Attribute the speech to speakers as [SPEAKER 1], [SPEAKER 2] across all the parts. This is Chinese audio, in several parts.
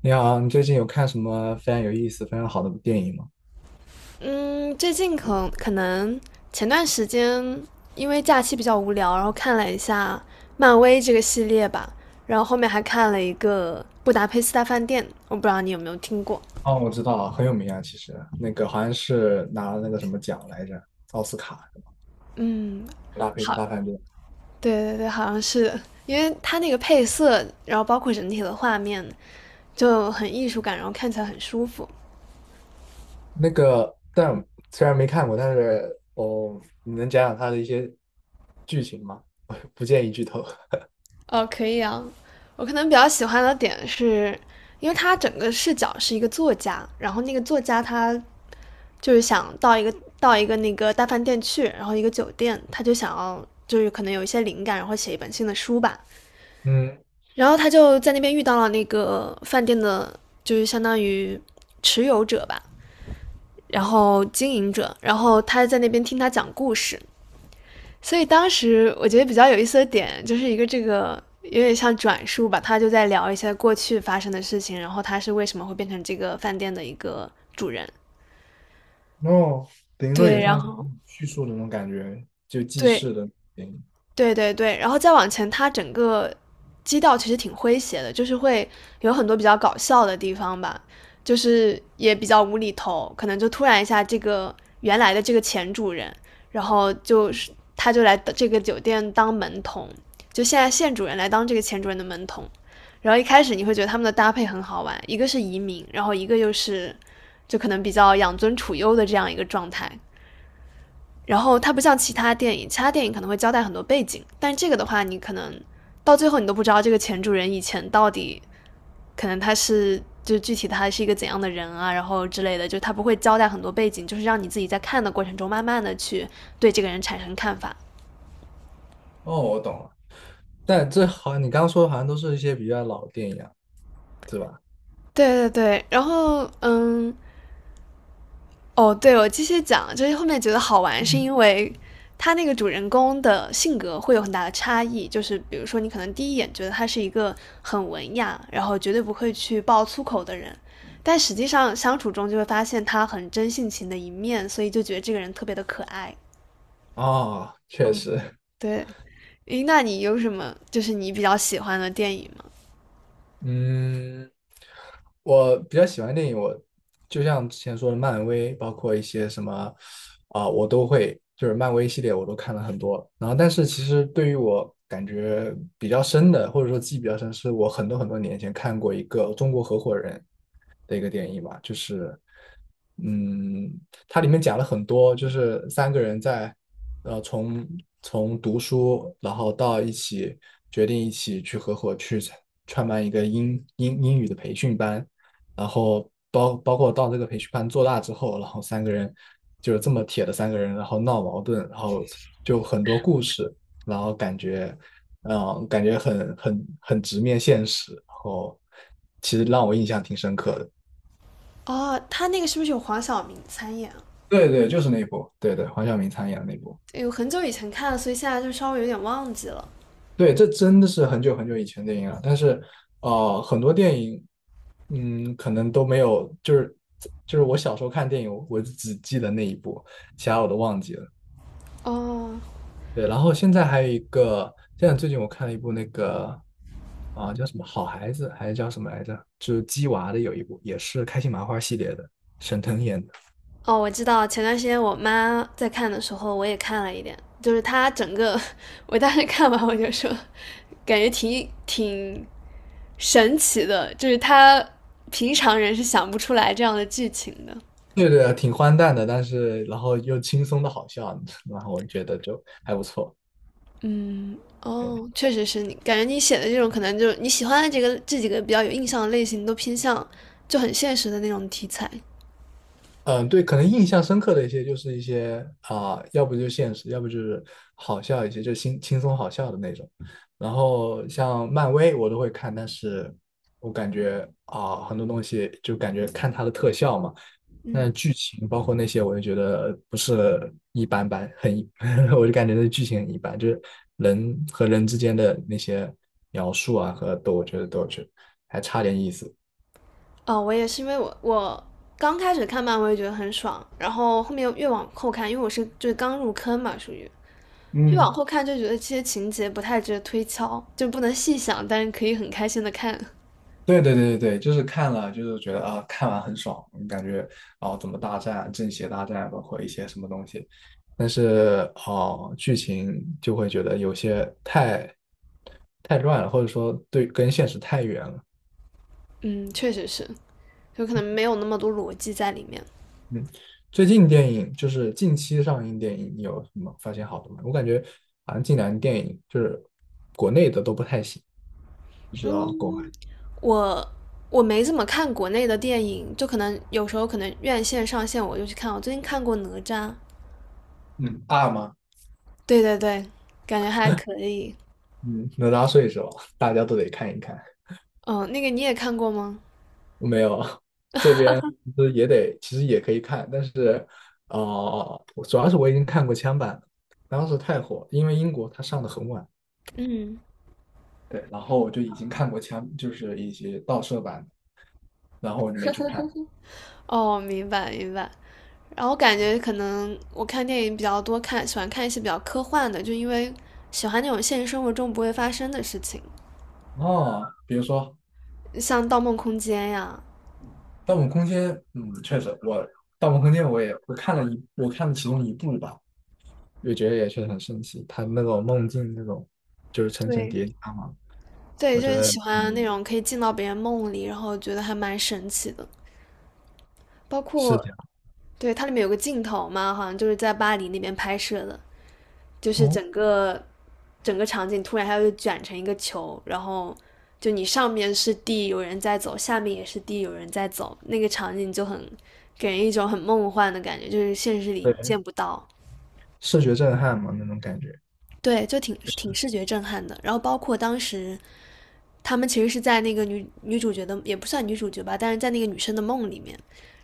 [SPEAKER 1] 你好，你最近有看什么非常有意思、非常好的电影吗？
[SPEAKER 2] 嗯，最近可能前段时间因为假期比较无聊，然后看了一下漫威这个系列吧，然后后面还看了一个《布达佩斯大饭店》，我不知道你有没有听过。
[SPEAKER 1] 哦，我知道，很有名啊，其实那个好像是拿了那个什么奖来着，奥斯卡
[SPEAKER 2] 嗯，
[SPEAKER 1] 《拉菲兹
[SPEAKER 2] 好，
[SPEAKER 1] 大饭店》。
[SPEAKER 2] 对对对，好像是因为它那个配色，然后包括整体的画面就很艺术感，然后看起来很舒服。
[SPEAKER 1] 那个，但虽然没看过，但是哦，你能讲讲它的一些剧情吗？不建议剧透。
[SPEAKER 2] 哦，可以啊。我可能比较喜欢的点是，因为它整个视角是一个作家，然后那个作家他就是想到一个到一个那个大饭店去，然后一个酒店，他就想要就是可能有一些灵感，然后写一本新的书吧。
[SPEAKER 1] 嗯，
[SPEAKER 2] 然后他就在那边遇到了那个饭店的，就是相当于持有者吧，然后经营者，然后他在那边听他讲故事。所以当时我觉得比较有意思的点，就是一个这个有点像转述吧，他就在聊一些过去发生的事情，然后他是为什么会变成这个饭店的一个主人。
[SPEAKER 1] 哦，等于说
[SPEAKER 2] 对，
[SPEAKER 1] 也
[SPEAKER 2] 然
[SPEAKER 1] 像是
[SPEAKER 2] 后
[SPEAKER 1] 叙述的那种感觉，就记
[SPEAKER 2] 对，
[SPEAKER 1] 事的电影。
[SPEAKER 2] 对对对，然后再往前，它整个基调其实挺诙谐的，就是会有很多比较搞笑的地方吧，就是也比较无厘头，可能就突然一下，这个原来的这个前主人，然后就是他就来这个酒店当门童，就现在现主人来当这个前主人的门童，然后一开始你会觉得他们的搭配很好玩，一个是移民，然后一个又是就可能比较养尊处优的这样一个状态，然后它不像其他电影，其他电影可能会交代很多背景，但这个的话，你可能到最后你都不知道这个前主人以前到底可能他是就具体他是一个怎样的人啊，然后之类的，就他不会交代很多背景，就是让你自己在看的过程中慢慢的去对这个人产生看法。
[SPEAKER 1] 哦，我懂了。但这好像你刚刚说的好像都是一些比较老的电影啊，对吧？
[SPEAKER 2] 对对对，然后嗯，哦，对，我继续讲，就是后面觉得好玩，是
[SPEAKER 1] 嗯。
[SPEAKER 2] 因为他那个主人公的性格会有很大的差异。就是比如说，你可能第一眼觉得他是一个很文雅，然后绝对不会去爆粗口的人，但实际上相处中就会发现他很真性情的一面，所以就觉得这个人特别的可爱。
[SPEAKER 1] 哦，确
[SPEAKER 2] 嗯，
[SPEAKER 1] 实。
[SPEAKER 2] 对。诶，那你有什么就是你比较喜欢的电影吗？
[SPEAKER 1] 嗯，我比较喜欢电影，我就像之前说的，漫威，包括一些什么我都会，就是漫威系列我都看了很多。然后，但是其实对于我感觉比较深的，或者说记忆比较深，是我很多很多年前看过一个中国合伙人的一个电影吧，就是嗯，它里面讲了很多，就是三个人在呃从从读书，然后到一起决定一起去合伙去创办一个英语的培训班，然后包括到这个培训班做大之后，然后三个人就是这么铁的三个人，然后闹矛盾，然后就很多故事，然后感觉感觉很直面现实，然后其实让我印象挺深刻的。
[SPEAKER 2] 哦，他那个是不是有黄晓明参演啊
[SPEAKER 1] 对对，就是那一部，对对，黄晓明参演的那部。
[SPEAKER 2] 有很久以前看了，所以现在就稍微有点忘记了。
[SPEAKER 1] 对，这真的是很久很久以前的电影了，但是，很多电影，嗯，可能都没有，就是就是我小时候看电影，我只记得那一部，其他我都忘记了。
[SPEAKER 2] 哦，
[SPEAKER 1] 对，然后现在还有一个，现在最近我看了一部那个，叫什么《好孩子》还是叫什么来着？就是鸡娃的有一部，也是开心麻花系列的，沈腾演的。
[SPEAKER 2] 哦，我知道，前段时间我妈在看的时候，我也看了一点，就是她整个，我当时看完我就说，感觉挺神奇的，就是她平常人是想不出来这样的剧情的。
[SPEAKER 1] 对对，挺荒诞的，但是然后又轻松的好笑，然后我觉得就还不错。
[SPEAKER 2] 嗯，哦，确实是你，感觉你写的这种可能就是你喜欢的这个这几个比较有印象的类型，都偏向就很现实的那种题材。
[SPEAKER 1] 嗯，对，可能印象深刻的一些就是一些要不就现实，要不就是好笑一些，就轻松好笑的那种。然后像漫威我都会看，但是我感觉很多东西就感觉看它的特效嘛，那
[SPEAKER 2] 嗯，
[SPEAKER 1] 剧情包括那些，我就觉得不是一般般，我就感觉那剧情很一般，就是人和人之间的那些描述啊和都，我觉得都是还差点意思。
[SPEAKER 2] 哦，我也是因为我刚开始看漫威觉得很爽，然后后面越往后看，因为我是就是刚入坑嘛，属于，越往
[SPEAKER 1] 嗯，
[SPEAKER 2] 后看就觉得这些情节不太值得推敲，就不能细想，但是可以很开心的看。
[SPEAKER 1] 对对对对对，就是看了，就是觉得啊，看完很爽，感觉啊怎么大战、正邪大战，包括一些什么东西，但是哦，剧情就会觉得有些太乱了，或者说对跟现实太远了。
[SPEAKER 2] 嗯，确实是，有可能没有那么多逻辑在里面。
[SPEAKER 1] 嗯，最近电影就是近期上映电影，你有什么发现好的吗？我感觉好像近两年电影就是国内的都不太行。
[SPEAKER 2] 嗯，我我没怎么看国内的电影，就可能有时候可能院线上线我就去看。我最近看过《哪吒》，
[SPEAKER 1] 嗯，二吗？
[SPEAKER 2] 对对对，感觉还可以。
[SPEAKER 1] 嗯，哪吒睡是吧？大家都得看一看。
[SPEAKER 2] 嗯，那个你也看过吗？
[SPEAKER 1] 没有，这边其实也得，其实也可以看，但是，我主要是我已经看过枪版了当时太火，因为英国它上的很晚，
[SPEAKER 2] 嗯，
[SPEAKER 1] 对，然后我就已经看过枪，就是一些盗摄版的然后我就没去看。
[SPEAKER 2] 哦，明白明白。然后感觉可能我看电影比较多，看喜欢看一些比较科幻的，就因为喜欢那种现实生活中不会发生的事情，
[SPEAKER 1] 哦，比如说
[SPEAKER 2] 像《盗梦空间》呀，
[SPEAKER 1] 《盗梦空间》，嗯，确实，《盗梦空间》我看了一，我看了其中一部吧，也觉得也确实很神奇，它那种梦境那种就是层层
[SPEAKER 2] 对
[SPEAKER 1] 叠加嘛。
[SPEAKER 2] 对，
[SPEAKER 1] 我
[SPEAKER 2] 就
[SPEAKER 1] 觉
[SPEAKER 2] 是
[SPEAKER 1] 得
[SPEAKER 2] 喜欢
[SPEAKER 1] 嗯
[SPEAKER 2] 那种可以进到别人梦里，然后觉得还蛮神奇的。包
[SPEAKER 1] 视
[SPEAKER 2] 括
[SPEAKER 1] 角，
[SPEAKER 2] 对它里面有个镜头嘛，好像就是在巴黎那边拍摄的，就是
[SPEAKER 1] 哦，
[SPEAKER 2] 整个场景突然它就卷成一个球，然后就你上面是地，有人在走，下面也是地，有人在走，那个场景就很给人一种很梦幻的感觉，就是现实里
[SPEAKER 1] 对，
[SPEAKER 2] 见不到。
[SPEAKER 1] 视觉震撼嘛那种感觉。
[SPEAKER 2] 对，就挺视觉震撼的。然后包括当时他们其实是在那个女主角的也不算女主角吧，但是在那个女生的梦里面，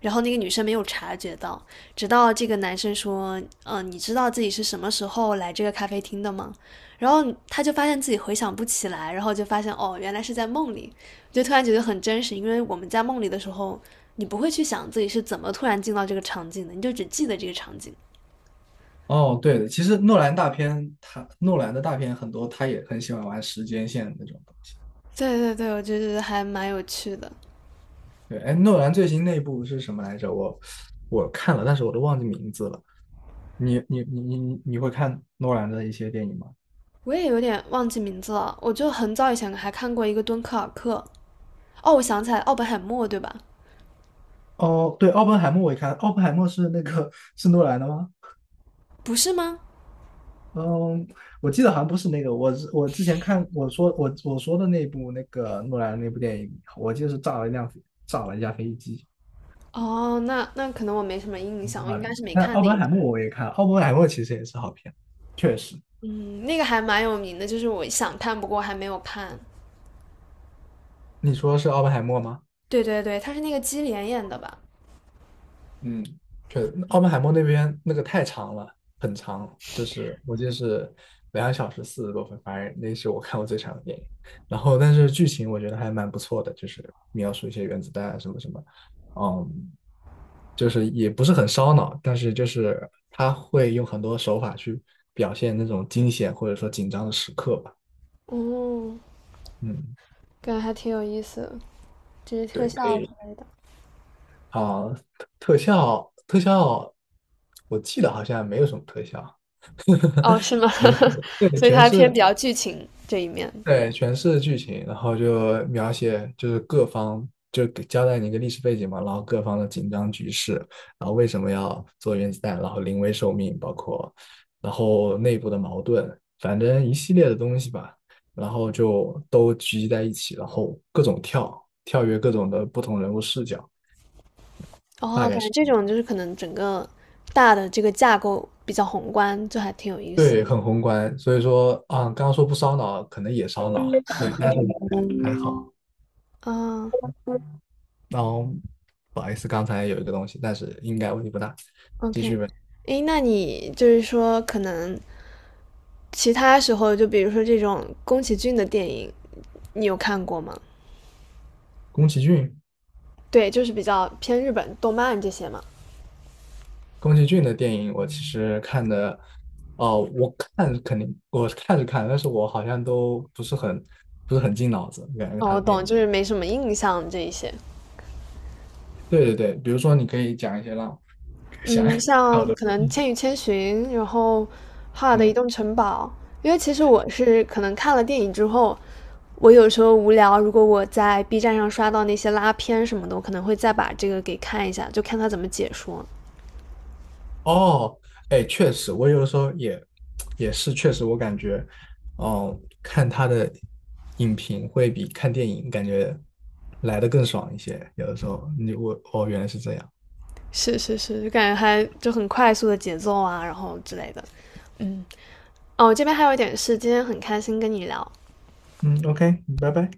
[SPEAKER 2] 然后那个女生没有察觉到，直到这个男生说："你知道自己是什么时候来这个咖啡厅的吗？"然后他就发现自己回想不起来，然后就发现哦，原来是在梦里，就突然觉得很真实，因为我们在梦里的时候，你不会去想自己是怎么突然进到这个场景的，你就只记得这个场景。
[SPEAKER 1] 哦，对的，其实诺兰大片，他诺兰的大片很多，他也很喜欢玩时间线那种东西。
[SPEAKER 2] 对对对，我就觉得还蛮有趣的。
[SPEAKER 1] 对，哎，诺兰最新那部是什么来着？我我看了，但是我都忘记名字了。你会看诺兰的一些电影吗？
[SPEAKER 2] 我也有点忘记名字了，我就很早以前还看过一个敦刻尔克，哦，我想起来，奥本海默对吧？
[SPEAKER 1] 哦，对，奥本海默我也看，奥本海默是那个是诺兰的吗？
[SPEAKER 2] 不是吗？
[SPEAKER 1] 嗯，我记得好像不是那个，我是我之前看我说我我说的那部那个诺兰的那部电影，我记得是炸了一架飞机。
[SPEAKER 2] 哦，那那可能我没什么印象，我应
[SPEAKER 1] 哎，
[SPEAKER 2] 该是没
[SPEAKER 1] 那
[SPEAKER 2] 看
[SPEAKER 1] 奥
[SPEAKER 2] 那一
[SPEAKER 1] 本
[SPEAKER 2] 部。
[SPEAKER 1] 海默我也看了，奥本海默其实也是好片。确实，
[SPEAKER 2] 嗯，那个还蛮有名的，就是我想看，不过还没有看。
[SPEAKER 1] 你说是奥本海默吗？
[SPEAKER 2] 对对对，他是那个基连演的吧？
[SPEAKER 1] 嗯，确实，《奥本海默那边那个太长了，很长，就是我记得是两小时四十多分，反正那是我看过最长的电影。然后，但是剧情我觉得还蛮不错的，就是描述一些原子弹啊什么什么，嗯，就是也不是很烧脑，但是就是他会用很多手法去表现那种惊险或者说紧张的时刻吧。
[SPEAKER 2] 哦，
[SPEAKER 1] 嗯，
[SPEAKER 2] 感觉还挺有意思的，只是特
[SPEAKER 1] 对，可
[SPEAKER 2] 效之
[SPEAKER 1] 以。
[SPEAKER 2] 类的。
[SPEAKER 1] 啊，特效，我记得好像没有什么特效，
[SPEAKER 2] 哦，是吗？
[SPEAKER 1] 全 对，
[SPEAKER 2] 所以它偏比较剧情这一面。
[SPEAKER 1] 对全是剧情，然后就描写就是各方就给交代你一个历史背景嘛，然后各方的紧张局势，然后为什么要做原子弹，然后临危受命，包括然后内部的矛盾，反正一系列的东西吧，然后就都聚集在一起，然后各种跳跃各种的不同人物视角。大
[SPEAKER 2] 哦，
[SPEAKER 1] 概
[SPEAKER 2] 感觉
[SPEAKER 1] 是。
[SPEAKER 2] 这种就是可能整个大的这个架构比较宏观，就还挺有意思。
[SPEAKER 1] 对，很宏观，所以说啊，刚刚说不烧脑，可能也烧脑，对，但是还好。
[SPEAKER 2] 啊
[SPEAKER 1] 然后不好意思，刚才有一个东西，但是应该问题不大。继续
[SPEAKER 2] ，OK,
[SPEAKER 1] 问，
[SPEAKER 2] 诶，那你就是说可能其他时候，就比如说这种宫崎骏的电影，你有看过吗？
[SPEAKER 1] 宫崎骏，
[SPEAKER 2] 对，就是比较偏日本动漫这些嘛。
[SPEAKER 1] 宫崎骏的电影我其实看的，哦、我看肯定我看着看，但是我好像都不是很不是很进脑子，感觉
[SPEAKER 2] 哦，
[SPEAKER 1] 他
[SPEAKER 2] 我
[SPEAKER 1] 的电
[SPEAKER 2] 懂，
[SPEAKER 1] 影。
[SPEAKER 2] 就是没什么印象这一些。
[SPEAKER 1] 对对对，比如说你可以讲一些让想 一
[SPEAKER 2] 嗯，像
[SPEAKER 1] 想的，
[SPEAKER 2] 可能《千与千寻》，然后《哈尔的移
[SPEAKER 1] 嗯，
[SPEAKER 2] 动城堡》，因为其实我是可能看了电影之后，我有时候无聊，如果我在 B 站上刷到那些拉片什么的，我可能会再把这个给看一下，就看他怎么解说。
[SPEAKER 1] 哦，哎，确实，我有的时候也是确实，我感觉，哦，看他的影评会比看电影感觉来的更爽一些。有的时候，哦，原来是这样。
[SPEAKER 2] 是是是，就感觉还就很快速的节奏啊，然后之类的。嗯。哦，这边还有一点是，今天很开心跟你聊，
[SPEAKER 1] 嗯，OK，拜拜。